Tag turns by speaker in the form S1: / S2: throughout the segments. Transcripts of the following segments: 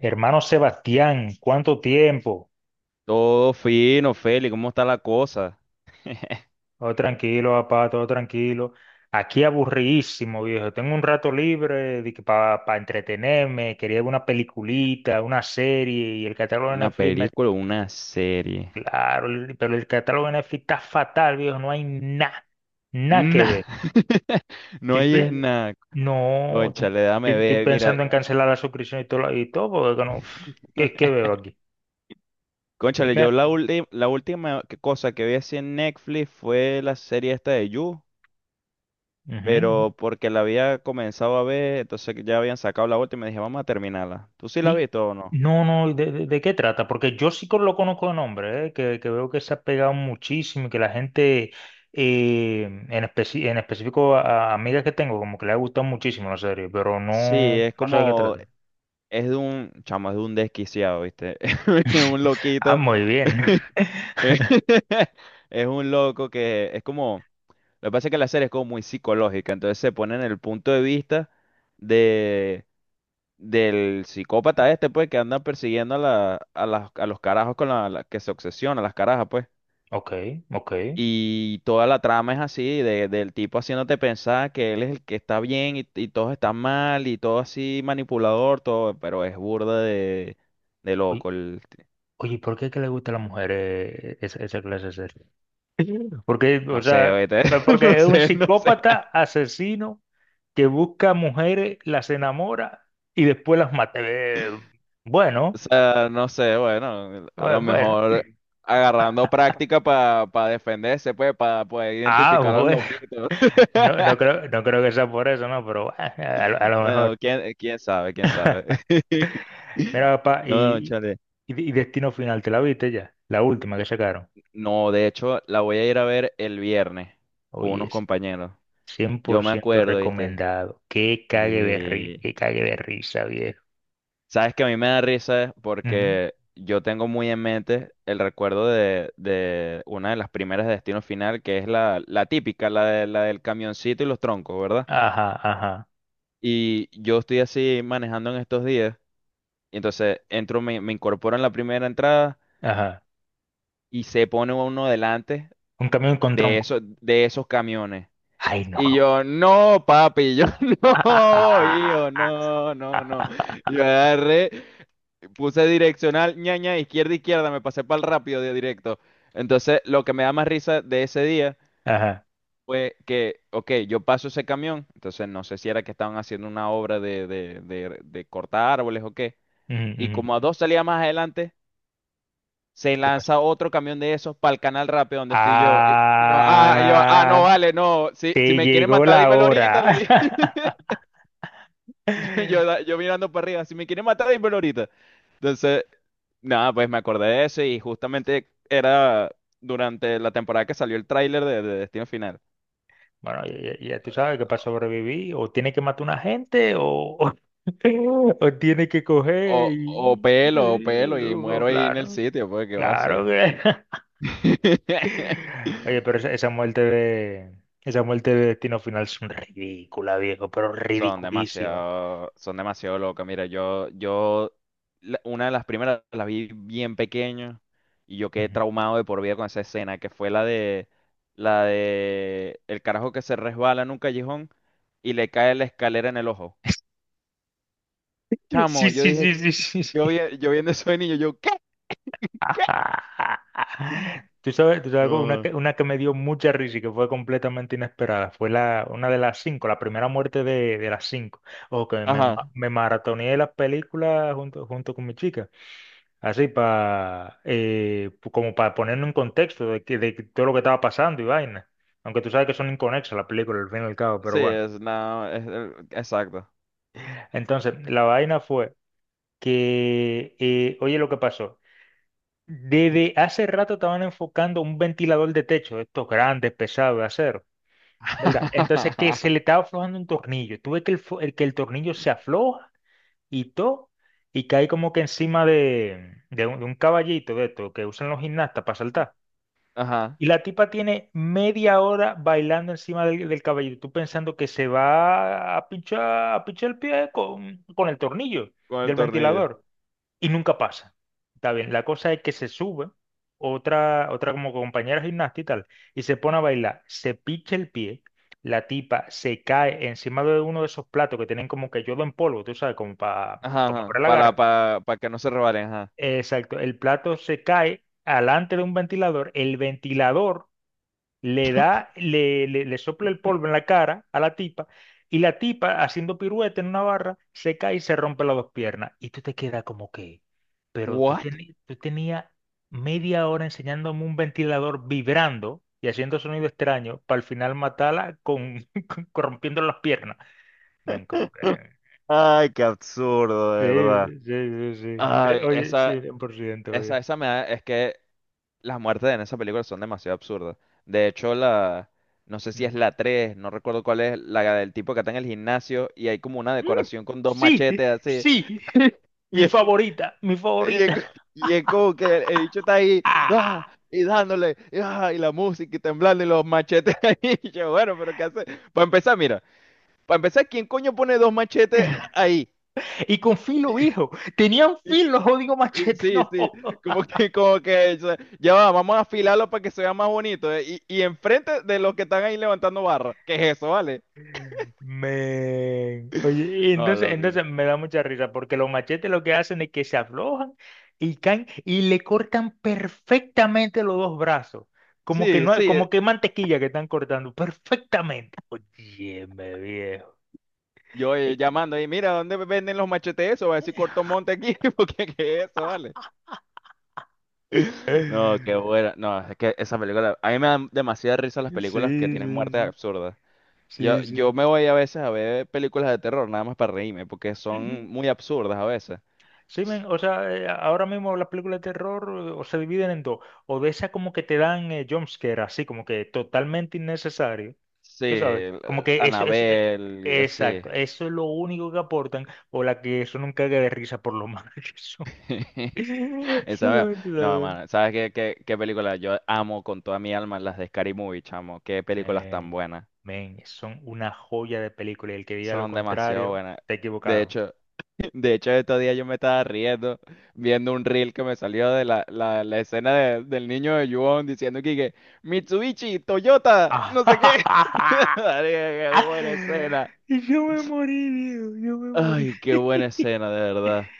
S1: Hermano Sebastián, ¿cuánto tiempo?
S2: Todo fino, Feli, ¿cómo está la cosa?
S1: Todo tranquilo, papá, todo tranquilo. Aquí aburridísimo, viejo. Tengo un rato libre para entretenerme. Quería ver una peliculita, una serie y el catálogo de
S2: ¿Una
S1: Netflix me.
S2: película o una serie?
S1: Claro, pero el catálogo de Netflix está fatal, viejo. No hay nada, nada que
S2: Nah,
S1: ver.
S2: no
S1: Estoy
S2: hay es
S1: pe.
S2: nada.
S1: No, estoy,
S2: Cónchale, dame
S1: estoy
S2: ver, mira.
S1: pensando en cancelar la suscripción y todo, y todo porque no, pff, ¿qué veo aquí?
S2: Cónchale,
S1: Dime.
S2: yo la, ulti- la última que- cosa que vi así en Netflix fue la serie esta de You,
S1: Ujú.
S2: pero porque la había comenzado a ver, entonces ya habían sacado la última y me dije, vamos a terminarla. ¿Tú sí la has
S1: Di.
S2: visto o no?
S1: No, no, ¿de qué trata? Porque yo sí lo conozco de nombre, ¿eh? Que veo que se ha pegado muchísimo y que la gente, en específico a amigas que tengo, como que le ha gustado muchísimo la serie, pero no,
S2: Sí, es
S1: no sé de qué
S2: como,
S1: trata.
S2: es de un, chamo, es de un desquiciado, ¿viste? Es un
S1: Ah,
S2: loquito.
S1: muy bien.
S2: Es un loco que es como, lo que pasa es que la serie es como muy psicológica, entonces se pone en el punto de vista de del psicópata este, pues, que anda persiguiendo a los carajos con que se obsesiona, las carajas, pues.
S1: Ok, ok.
S2: Y toda la trama es así, de, del tipo haciéndote pensar que él es el que está bien y todos están mal y todo así manipulador, todo, pero es burda de
S1: Oye,
S2: loco, el-
S1: oye, ¿por qué es que le gusta a las mujeres esa, clase de serie? Porque, o
S2: no sé,
S1: sea,
S2: oíste,
S1: pues,
S2: no
S1: porque es un
S2: sé, no sé.
S1: psicópata asesino que busca mujeres, las enamora y después las mata.
S2: O
S1: Bueno,
S2: sea, no sé, bueno, a
S1: bue-
S2: lo
S1: bueno.
S2: mejor agarrando práctica para defenderse, pues, para poder
S1: Ah,
S2: identificar a los
S1: bueno,
S2: loquitos.
S1: no, no creo, no creo que sea por eso, no, pero lo a lo mejor.
S2: Bueno, ¿quién sabe? ¿Quién sabe?
S1: Mira, papá,
S2: No,
S1: y,
S2: chale.
S1: y, y Destino Final, ¿te la viste ya? La última que sacaron.
S2: No, de hecho, la voy a ir a ver el viernes con
S1: Oye,
S2: unos
S1: es
S2: compañeros.
S1: cien
S2: Yo
S1: por
S2: me
S1: ciento
S2: acuerdo, ¿viste?
S1: recomendado.
S2: Sí.
S1: Que cague de risa, viejo.
S2: Sabes que a mí me da risa
S1: Ujú.
S2: porque yo tengo muy en mente el recuerdo de una de las primeras de Destino Final, que es la, la típica, la, de, la del camioncito y los troncos, ¿verdad?
S1: Ajá, ajá,
S2: Y yo estoy así manejando en estos días, y entonces entro, me incorporo en la primera entrada
S1: ajá.
S2: y se pone uno delante
S1: Un camión con tronco.
S2: de esos camiones.
S1: Ay,
S2: Y
S1: no.
S2: yo, no, papi, y yo, no, hijo, no, no, no. Yo agarré. Puse direccional, ñaña, izquierda, izquierda, me pasé para el rápido de directo. Entonces, lo que me da más risa de ese día
S1: Ajá.
S2: fue que, ok, yo paso ese camión, entonces no sé si era que estaban haciendo una obra de cortar árboles o qué,
S1: Ujú,
S2: y
S1: ujú.
S2: como a dos salidas más adelante, se
S1: ¿Qué pasa?
S2: lanza otro camión de esos para el canal rápido donde estoy yo. Y yo, ah, y yo, ah, no,
S1: Ah,
S2: vale, no, si
S1: te
S2: me quieren
S1: llegó
S2: matar,
S1: la
S2: dímelo ahorita, le
S1: hora.
S2: dije. Yo mirando para arriba, si me quieren matar, dímelo ahorita. Entonces, nada, pues me acordé de eso y justamente era durante la temporada que salió el tráiler de Destino Final.
S1: Bueno, ya tú sabes que para sobrevivir o tiene que matar una gente o, o, tiene que coger y.
S2: O pelo, y muero ahí en el
S1: Claro,
S2: sitio, pues, ¿qué va a
S1: claro
S2: hacer?
S1: que. Oye, pero esa, muerte de. Esa muerte de Destino Final es un ridícula, viejo, pero ridiculísima.
S2: Son demasiado locas. Mira, la- una de las primeras las vi bien pequeño y yo quedé
S1: Ujú.
S2: traumado de por vida con esa escena, que fue la de el carajo que se resbala en un callejón y le cae la escalera en el ojo.
S1: Sí,
S2: Chamo, yo
S1: sí, sí,
S2: dije,
S1: sí, sí, sí.
S2: yo, vi- yo viendo eso de niño, yo, ¿qué? ¿Qué?
S1: ¿Tú sabes, tú sabes algo? una
S2: No.
S1: que, una que me dio mucha risa y que fue completamente inesperada. Fue una de las cinco, la primera muerte de las cinco. O que me, ma-
S2: Ajá.
S1: me maratoneé las películas junto con mi chica. Así para como para ponerme en contexto de, que todo lo que estaba pasando y vaina. Aunque tú sabes que son inconexas las películas, al fin y al cabo,
S2: Sí,
S1: pero bueno.
S2: es, no, es, exacto.
S1: Entonces, la vaina fue que, oye lo que pasó. Desde hace rato estaban enfocando un ventilador de techo, estos grandes, pesados de acero, ¿verdad? Entonces que se le estaba aflojando un tornillo. Tuve que el que el tornillo se afloja y todo, y cae como que encima de un caballito de esto que usan los gimnastas para saltar.
S2: Ajá.
S1: Y la tipa tiene media hora bailando encima del caballito, tú pensando que se va a pinchar el pie con el tornillo
S2: Con el
S1: del
S2: tornillo.
S1: ventilador y nunca pasa. Está bien, la cosa es que se sube otra como compañera gimnasta y tal, y se pone a bailar, se picha el pie, la tipa se cae encima de uno de esos platos que tienen como que yodo en polvo, tú sabes, como para
S2: Ajá,
S1: mejorar
S2: ajá.
S1: el agarre.
S2: Para que no se resbalen.
S1: Exacto, el plato se cae alante de un ventilador, el ventilador le da, le sopla el polvo en la cara a la tipa, y la tipa, haciendo pirueta en una barra, se cae y se rompe las dos piernas. Y tú te quedas como que, pero
S2: What?
S1: tú tenías media hora enseñándome un ventilador vibrando y haciendo sonido extraño para al final matarla rompiendo las piernas. Ven, como que.
S2: Ay, qué absurdo, de
S1: Sí,
S2: verdad.
S1: sí, sí, sí.
S2: Ay,
S1: Oye,
S2: esa,
S1: sí, 100%,
S2: esa,
S1: oye.
S2: esa me da, es que las muertes en esa película son demasiado absurdas. De hecho, la, no sé si es
S1: Ujú.
S2: la 3, no recuerdo cuál es, la del tipo que está en el gimnasio y hay como una
S1: Mm,
S2: decoración con dos
S1: sí,
S2: machetes así.
S1: sí,
S2: Y
S1: mi
S2: es,
S1: favorita, mi favorita.
S2: co- y es como que el bicho está ahí, ¡ah!
S1: ¡Ah!
S2: Y dándole, y, ¡ah! Y la música y temblando y los machetes ahí. Y yo, bueno, pero ¿qué hace? Para empezar, mira, para empezar, ¿quién coño pone dos machetes ahí?
S1: Y con filo, hijo. Tenían filo, jodido machete,
S2: Sí,
S1: no.
S2: sí, como que, o sea, ya va, vamos a afilarlo para que se vea más bonito, y enfrente de los que están ahí levantando barra, ¿qué es eso, vale?
S1: Men. Oye, y
S2: No,
S1: entonces,
S2: loco.
S1: entonces me da mucha risa, porque los machetes lo que hacen es que se aflojan y caen y le cortan perfectamente los dos brazos. Como que
S2: Sí,
S1: no,
S2: sí,
S1: como que mantequilla que están cortando, perfectamente. Oye, me viejo.
S2: yo
S1: Es que.
S2: llamando ahí, mira, ¿dónde venden los machetes eso? Va a decir Corto Monte aquí, porque ¿qué es eso, vale? No, qué buena, no, es que esa película, a mí me dan demasiada risa las películas que
S1: Sí,
S2: tienen muertes
S1: sí,
S2: absurdas. Yo,
S1: sí,
S2: yo
S1: sí,
S2: me voy a veces a ver películas de terror, nada más para reírme, porque son
S1: sí.
S2: muy absurdas a veces.
S1: Sí, men, o sea, ahora mismo las películas de terror o se dividen en dos, o de esas como que te dan jumpscare, así como que totalmente innecesario,
S2: Sí,
S1: tú sabes, como que eso es,
S2: Anabel y así.
S1: exacto, eso es lo único que aportan, o la que eso nunca cague de risa por lo mal que son.
S2: Esa me-
S1: Solamente
S2: No,
S1: saben.
S2: mano, ¿sabes qué películas? Yo amo con toda mi alma las de Scary Movie, chamo. Qué películas tan
S1: Men,
S2: buenas.
S1: men, son una joya de película y el que diga lo
S2: Son demasiado
S1: contrario,
S2: buenas.
S1: está
S2: De
S1: equivocado.
S2: hecho, de hecho, estos días yo me estaba riendo viendo un reel que me salió de la, la escena de- del niño de Yuon diciendo que Mitsubishi, Toyota, no sé qué. Marica, qué buena escena.
S1: Y yo me morí, Diego, yo me morí.
S2: Ay, qué buena escena, de verdad.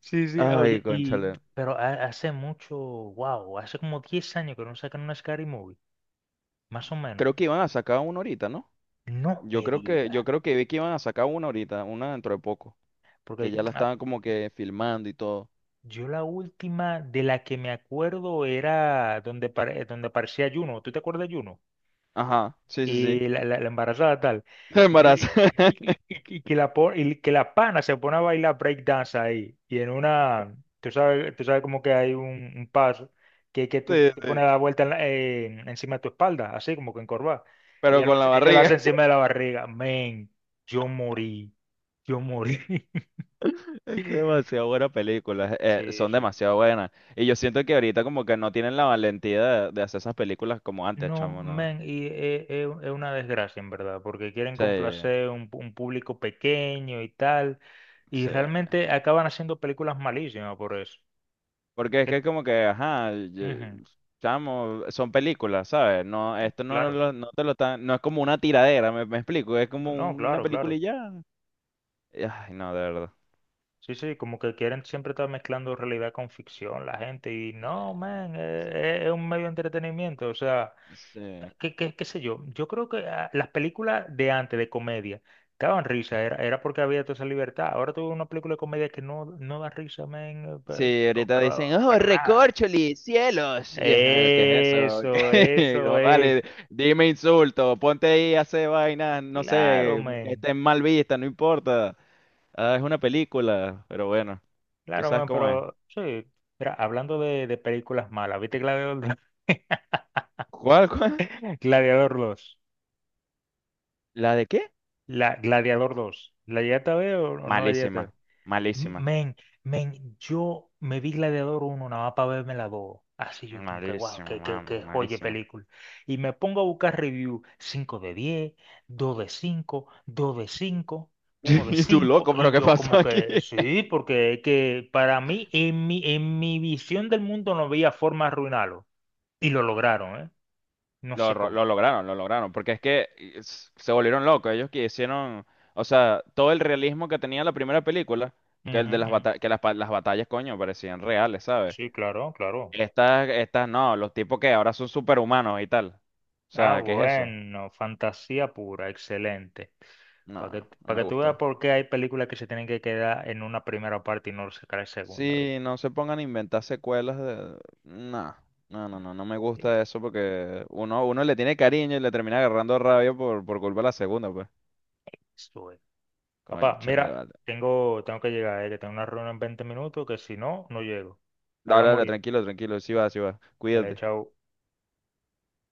S1: Sí, sí,
S2: Ay,
S1: oye,
S2: cónchale.
S1: pero hace mucho, wow, hace como 10 años que no sacan una Scary Movie, más o menos.
S2: Creo que iban a sacar una ahorita, ¿no?
S1: No me diga,
S2: Yo creo que vi que iban a sacar una ahorita, una dentro de poco, que
S1: porque
S2: ya la estaban como que filmando y todo.
S1: yo la última de la que me acuerdo era donde aparecía Juno, ¿tú te acuerdas de Juno?
S2: Ajá, sí, sí, sí.
S1: Y la embarazada tal, y que, la-
S2: Embarazo.
S1: y, y que la pana se pone a bailar breakdance ahí, y en una, tú sabes como que hay un paso, que tú
S2: Sí,
S1: te pones
S2: sí.
S1: la vuelta encima de tu espalda, así como que encorvada,
S2: Pero con la
S1: ella lo
S2: barriga.
S1: hace encima de la barriga, men, yo morí, yo morí,
S2: Es que demasiado buenas películas,
S1: sí,
S2: son
S1: sí.
S2: demasiado buenas. Y yo siento que ahorita como que no tienen la valentía de hacer esas películas como antes,
S1: No,
S2: chamo, ¿no?
S1: men, y es una desgracia en verdad, porque quieren
S2: Sí,
S1: complacer un público pequeño y tal, y
S2: sí.
S1: realmente acaban haciendo películas malísimas por eso.
S2: Porque es
S1: Que.
S2: que es como que, ajá, yo-
S1: Ujú,
S2: chamo, son películas, ¿sabes? No, esto no,
S1: claro,
S2: lo- no te lo están, no es como una tiradera, me explico, es como
S1: no,
S2: una
S1: claro,
S2: película
S1: claro.
S2: y ya. Ay, no, de verdad.
S1: Sí, sí, como que quieren siempre estar mezclando realidad con ficción la gente, y
S2: Eh,
S1: no, men,
S2: o sea,
S1: es un medio de entretenimiento, o sea.
S2: sí.
S1: Qué sé yo, yo creo que las películas de antes de comedia que daban risa, era porque había toda esa libertad. Ahora tuve una película de comedia que no, da risa, men, eh, pe-
S2: Sí,
S1: pero,
S2: ahorita
S1: pero
S2: dicen, oh,
S1: para nada.
S2: recorcholi, cielos. Y es, ¿qué es eso?
S1: Eso,
S2: ¿Qué?
S1: eso
S2: No
S1: es.
S2: vale, dime insulto, ponte ahí a hacer vainas, no
S1: Claro,
S2: sé, que
S1: men.
S2: estén mal vistas, no importa. Ah, es una película, pero bueno, tú
S1: Claro,
S2: sabes
S1: men,
S2: cómo es.
S1: pero sí. Mira, hablando de películas malas, ¿viste Gladiador dos?
S2: ¿Cuál?
S1: Gladiador dos.
S2: ¿La de qué?
S1: Gladiador dos, ¿la llegaste a ver o no la llegaste a
S2: Malísima,
S1: ver?
S2: malísima,
S1: Men, men, yo me vi Gladiador uno, nada más para verme la dos. Así yo como que, wow,
S2: malísima, mano,
S1: que joya de
S2: malísima.
S1: película. Y me pongo a buscar review 5/10, 2/5, 2/5, uno de
S2: Y tú,
S1: cinco,
S2: loco,
S1: Y
S2: pero ¿qué
S1: yo
S2: pasó
S1: como
S2: aquí?
S1: que, sí, porque es que para mí, en mi, visión del mundo no veía forma de arruinarlo. Y lo lograron, ¿eh? No
S2: Lo,
S1: sé
S2: ro-
S1: cómo.
S2: lo lograron, porque es que s- se volvieron locos. Ellos que hicieron, o sea, todo el realismo que tenía la primera película, que el
S1: Ujú,
S2: de las
S1: ujú.
S2: batallas, que las, pa- las batallas, coño, parecían reales, ¿sabes?
S1: Sí, claro, claro.
S2: Estas, estas no, los tipos que ahora son superhumanos y tal. O
S1: Ah,
S2: sea, ¿qué es eso?
S1: bueno, fantasía pura, excelente.
S2: No,
S1: Para que,
S2: no
S1: pa'
S2: me
S1: que tú veas
S2: gustó.
S1: por qué hay películas que se tienen que quedar en una primera parte y no sacar la segunda, ¿ve?
S2: Sí, no se pongan a inventar secuelas de... No, no, no, no, no me
S1: Eh,
S2: gusta eso porque uno, uno le tiene cariño y le termina agarrando rabia por culpa de la segunda, pues.
S1: Eso es. Papá,
S2: Concha
S1: mira,
S2: vale.
S1: tengo que llegar, que tengo una reunión en 20 minutos, que si no, no llego.
S2: Dale,
S1: Hablamos
S2: dale,
S1: ahorita.
S2: tranquilo, tranquilo, sí va, sí va.
S1: Dale,
S2: Cuídate.
S1: chao.